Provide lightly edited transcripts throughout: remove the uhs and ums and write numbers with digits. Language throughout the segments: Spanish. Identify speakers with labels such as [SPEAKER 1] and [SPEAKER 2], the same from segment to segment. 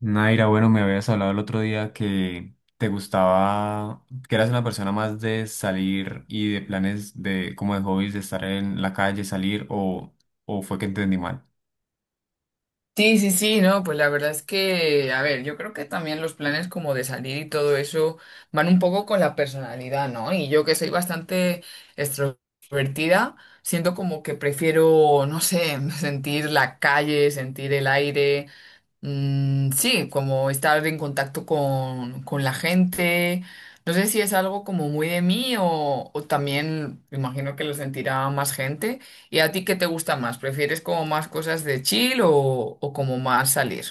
[SPEAKER 1] Naira, bueno, me habías hablado el otro día que te gustaba, que eras una persona más de salir y de planes de, como de hobbies, de estar en la calle, salir, o fue que entendí mal.
[SPEAKER 2] Sí, sí, sí, no, pues la verdad es que, a ver, yo creo que también los planes como de salir y todo eso van un poco con la personalidad, ¿no? Y yo que soy bastante extrovertida, siento como que prefiero, no sé, sentir la calle, sentir el aire, Mm, sí, como estar en contacto con la gente. No sé si es algo como muy de mí o también me imagino que lo sentirá más gente. ¿Y a ti qué te gusta más? ¿Prefieres como más cosas de chill o como más salir?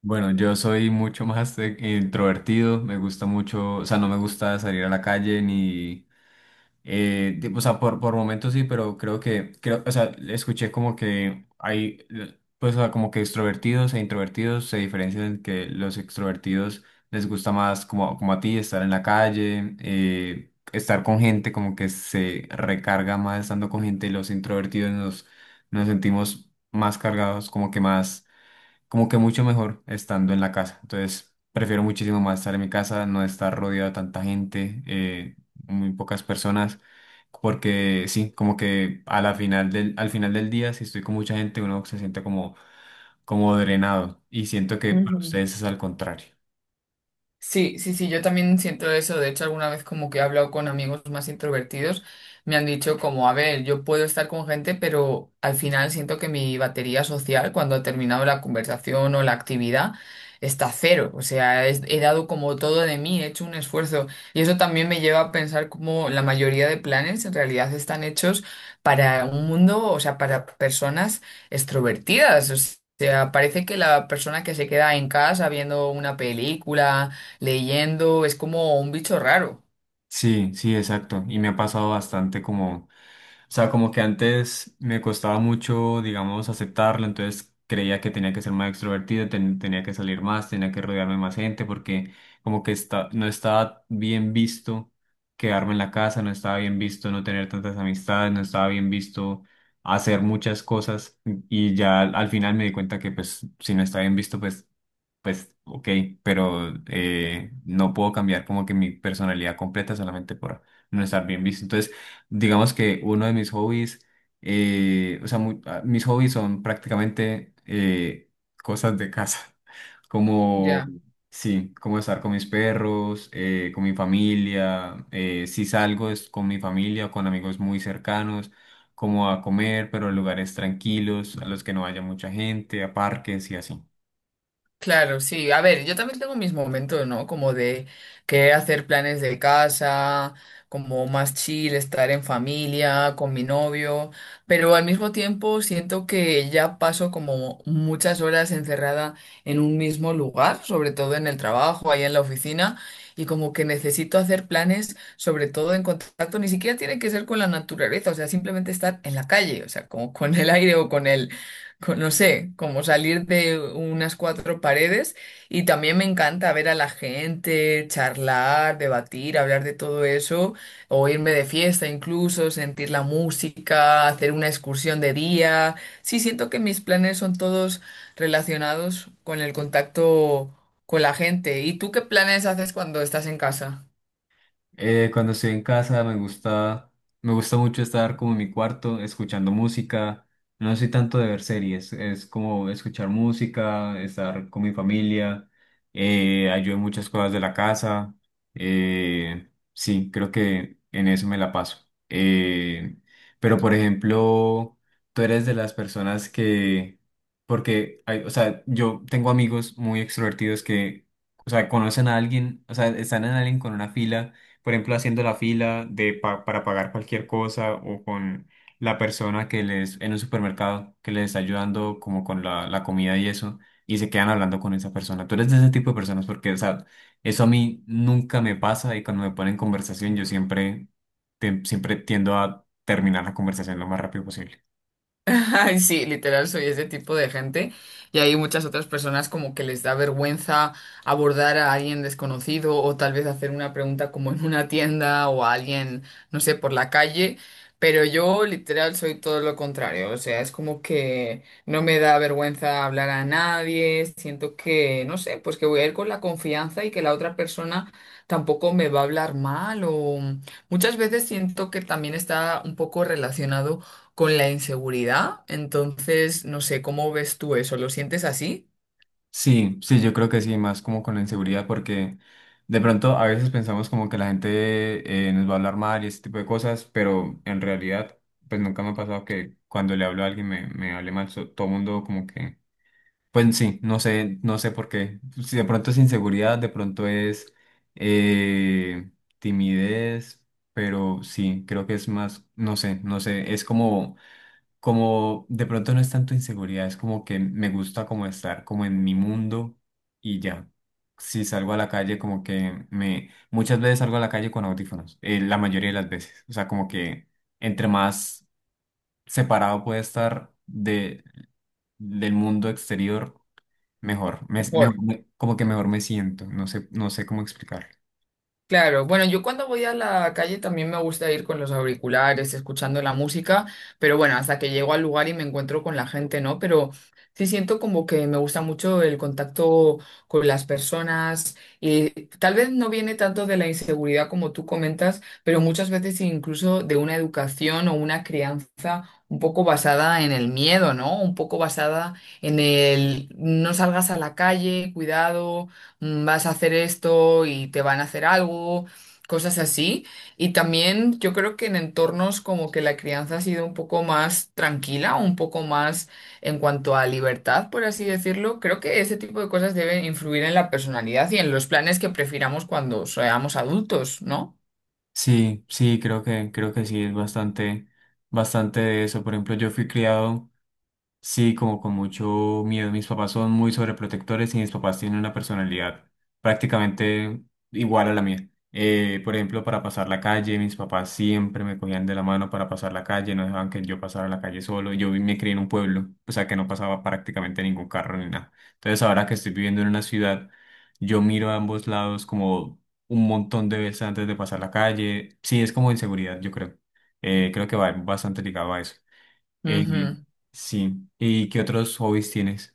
[SPEAKER 1] Bueno, yo soy mucho más de- introvertido, me gusta mucho, o sea, no me gusta salir a la calle ni o sea, por momentos sí, pero o sea, escuché como que hay, pues, o sea, como que extrovertidos e introvertidos se diferencian en que los extrovertidos les gusta más, como, como a ti, estar en la calle, estar con gente, como que se recarga más estando con gente, y los introvertidos nos sentimos más cargados, como que más, como que mucho mejor estando en la casa. Entonces, prefiero muchísimo más estar en mi casa, no estar rodeado de tanta gente, muy pocas personas, porque sí, como que a al final del día, si estoy con mucha gente, uno se siente como, como drenado, y siento que para ustedes es al contrario.
[SPEAKER 2] Sí, sí, sí, yo también siento eso. De hecho, alguna vez como que he hablado con amigos más introvertidos, me han dicho como, a ver, yo puedo estar con gente, pero al final siento que mi batería social, cuando ha terminado la conversación o la actividad, está a cero. O sea, he dado como todo de mí, he hecho un esfuerzo. Y eso también me lleva a pensar como la mayoría de planes en realidad están hechos para un mundo, o sea, para personas extrovertidas. O sea, parece que la persona que se queda en casa viendo una película, leyendo es como un bicho raro.
[SPEAKER 1] Sí, sí, exacto. Y me ha pasado bastante como... O sea, como que antes me costaba mucho, digamos, aceptarlo, entonces creía que tenía que ser más extrovertido, tenía que salir más, tenía que rodearme de más gente, porque como que está, no estaba bien visto quedarme en la casa, no estaba bien visto no tener tantas amistades, no estaba bien visto hacer muchas cosas, y ya al final me di cuenta que pues si no está bien visto, pues, pues ok, pero no puedo cambiar como que mi personalidad completa solamente por no estar bien visto. Entonces, digamos que uno de mis hobbies, mis hobbies son prácticamente cosas de casa, como,
[SPEAKER 2] Ya.
[SPEAKER 1] sí, como estar con mis perros, con mi familia, si salgo es con mi familia o con amigos muy cercanos, como a comer, pero en lugares tranquilos, a los que no haya mucha gente, a parques y así.
[SPEAKER 2] Claro, sí. A ver, yo también tengo mis momentos, ¿no? Como de querer hacer planes de casa, como más chill, estar en familia, con mi novio, pero al mismo tiempo siento que ya paso como muchas horas encerrada en un mismo lugar, sobre todo en el trabajo, ahí en la oficina, y como que necesito hacer planes, sobre todo en contacto, ni siquiera tiene que ser con la naturaleza, o sea, simplemente estar en la calle, o sea, como con el aire o con el no sé, como salir de unas cuatro paredes y también me encanta ver a la gente, charlar, debatir, hablar de todo eso, o irme de fiesta incluso, sentir la música, hacer una excursión de día. Sí, siento que mis planes son todos relacionados con el contacto con la gente. ¿Y tú qué planes haces cuando estás en casa?
[SPEAKER 1] Cuando estoy en casa me gusta mucho estar como en mi cuarto escuchando música. No soy tanto de ver series, es como escuchar música, estar con mi familia, ayudo en muchas cosas de la casa. Eh, sí, creo que en eso me la paso. Pero por ejemplo, tú eres de las personas que, porque, hay, o sea, yo tengo amigos muy extrovertidos que, o sea, conocen a alguien, o sea, están en alguien con una fila por ejemplo, haciendo la fila de para pagar cualquier cosa, o con la persona que les, en un supermercado, que les está ayudando como con la comida y eso, y se quedan hablando con esa persona. Tú eres de ese tipo de personas porque, o sea, eso a mí nunca me pasa, y cuando me ponen en conversación yo siempre, siempre tiendo a terminar la conversación lo más rápido posible.
[SPEAKER 2] Ay, sí, literal, soy ese tipo de gente. Y hay muchas otras personas como que les da vergüenza abordar a alguien desconocido o tal vez hacer una pregunta como en una tienda o a alguien, no sé, por la calle. Pero yo literal soy todo lo contrario. O sea, es como que no me da vergüenza hablar a nadie. Siento que, no sé, pues que voy a ir con la confianza y que la otra persona tampoco me va a hablar mal o muchas veces siento que también está un poco relacionado con la inseguridad. Entonces, no sé, ¿cómo ves tú eso? ¿Lo sientes así?
[SPEAKER 1] Sí, sí, yo creo que sí, más como con la inseguridad, porque de pronto a veces pensamos como que la gente, nos va a hablar mal y ese tipo de cosas, pero en realidad, pues nunca me ha pasado que cuando le hablo a alguien me hable mal, todo el mundo como que, pues sí, no sé, no sé por qué. Si de pronto es inseguridad, de pronto es eh, timidez, pero sí, creo que es más, no sé, no sé, es como, como de pronto no es tanto inseguridad, es como que me gusta como estar como en mi mundo y ya. Si salgo a la calle, como que me... Muchas veces salgo a la calle con audífonos, la mayoría de las veces. O sea, como que entre más separado puede estar de, del mundo exterior, mejor. Mejor
[SPEAKER 2] Mejor.
[SPEAKER 1] como que mejor me siento, no sé, no sé cómo explicarlo.
[SPEAKER 2] Claro, bueno, yo cuando voy a la calle también me gusta ir con los auriculares, escuchando la música, pero bueno, hasta que llego al lugar y me encuentro con la gente, ¿no? Pero sí siento como que me gusta mucho el contacto con las personas y tal vez no viene tanto de la inseguridad como tú comentas, pero muchas veces incluso de una educación o una crianza un poco basada en el miedo, ¿no? Un poco basada en el no salgas a la calle, cuidado vas a hacer esto y te van a hacer algo, cosas así. Y también yo creo que en entornos como que la crianza ha sido un poco más tranquila, un poco más en cuanto a libertad, por así decirlo, creo que ese tipo de cosas deben influir en la personalidad y en los planes que prefiramos cuando seamos adultos, ¿no?
[SPEAKER 1] Sí, sí, creo que sí, es bastante, bastante de eso. Por ejemplo, yo fui criado... Sí, como con mucho miedo. Mis papás son muy sobreprotectores y mis papás tienen una personalidad prácticamente igual a la mía. Por ejemplo, para pasar la calle, mis papás siempre me cogían de la mano para pasar la calle, no dejaban que yo pasara la calle solo. Me crié en un pueblo, o sea que no pasaba prácticamente ningún carro ni nada. Entonces, ahora que estoy viviendo en una ciudad, yo miro a ambos lados como un montón de veces antes de pasar la calle. Sí, es como inseguridad, yo creo. Creo que va bastante ligado a eso. Eh, sí, ¿y qué otros hobbies tienes?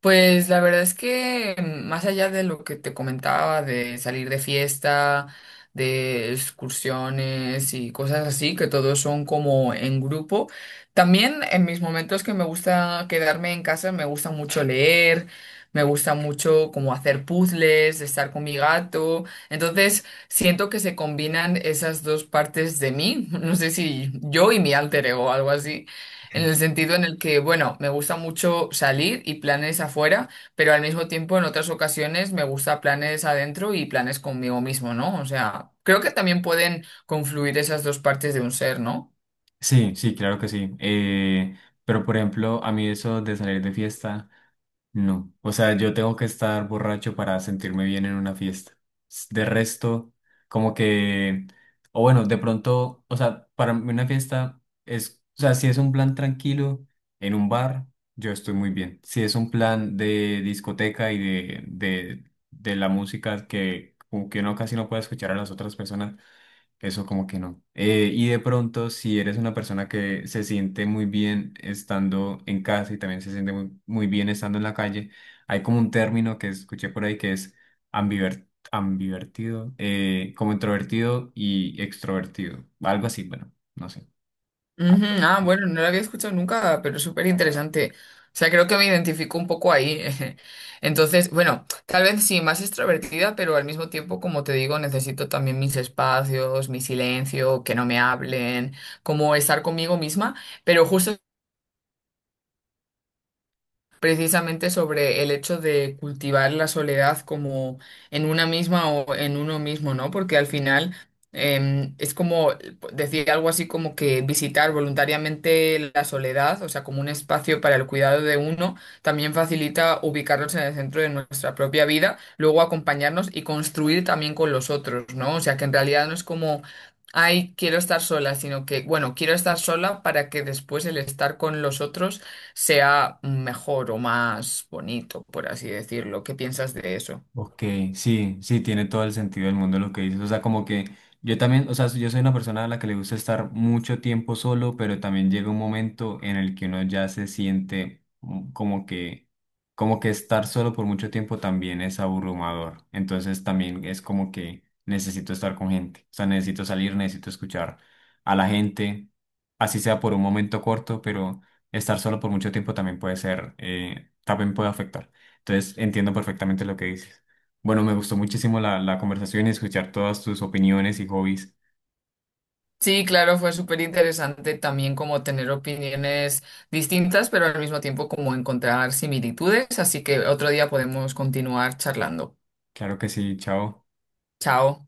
[SPEAKER 2] Pues la verdad es que más allá de lo que te comentaba, de salir de fiesta, de excursiones y cosas así, que todos son como en grupo, también en mis momentos que me gusta quedarme en casa, me gusta mucho leer, me gusta mucho como hacer puzzles, estar con mi gato, entonces siento que se combinan esas dos partes de mí, no sé si yo y mi alter ego o algo así. En el sentido en el que, bueno, me gusta mucho salir y planes afuera, pero al mismo tiempo en otras ocasiones me gusta planes adentro y planes conmigo mismo, ¿no? O sea, creo que también pueden confluir esas dos partes de un ser, ¿no?
[SPEAKER 1] Sí, sí, claro que sí. Pero por ejemplo, a mí eso de salir de fiesta, no. O sea, yo tengo que estar borracho para sentirme bien en una fiesta. De resto, como que, o bueno, de pronto, o sea, para mí una fiesta es, o sea, si es un plan tranquilo en un bar, yo estoy muy bien. Si es un plan de discoteca y de la música que, como que uno casi no puede escuchar a las otras personas. Eso como que no. Y de pronto, si eres una persona que se siente muy bien estando en casa y también se siente muy bien estando en la calle, hay como un término que escuché por ahí que es ambiver- ambivertido, como introvertido y extrovertido, algo así, bueno, no sé.
[SPEAKER 2] Ujú,
[SPEAKER 1] Algo
[SPEAKER 2] ah,
[SPEAKER 1] así.
[SPEAKER 2] bueno, no lo había escuchado nunca, pero es súper interesante. O sea, creo que me identifico un poco ahí. Entonces, bueno, tal vez sí, más extrovertida, pero al mismo tiempo, como te digo, necesito también mis espacios, mi silencio, que no me hablen, como estar conmigo misma. Pero justo precisamente sobre el hecho de cultivar la soledad como en una misma o en uno mismo, ¿no? Porque al final es como decir algo así como que visitar voluntariamente la soledad, o sea, como un espacio para el cuidado de uno, también facilita ubicarnos en el centro de nuestra propia vida, luego acompañarnos y construir también con los otros, ¿no? O sea, que en realidad no es como... Ay, quiero estar sola, sino que, bueno, quiero estar sola para que después el estar con los otros sea mejor o más bonito, por así decirlo. ¿Qué piensas de eso?
[SPEAKER 1] Ok, sí, sí, tiene todo el sentido del mundo lo que dices. O sea, como que yo también, o sea, yo soy una persona a la que le gusta estar mucho tiempo solo, pero también llega un momento en el que uno ya se siente mm, como que estar solo por mucho tiempo también es abrumador. Entonces también es como que necesito estar con gente. O sea, necesito salir, necesito escuchar a la gente, así sea por un momento corto, pero estar solo por mucho tiempo también puede ser, también puede afectar. Entonces entiendo perfectamente lo que dices. Bueno, me gustó muchísimo la conversación y escuchar todas tus opiniones y hobbies.
[SPEAKER 2] Sí, claro, fue súper interesante también como tener opiniones distintas, pero al mismo tiempo como encontrar similitudes, así que otro día podemos continuar charlando.
[SPEAKER 1] Claro que sí, chao.
[SPEAKER 2] Chao.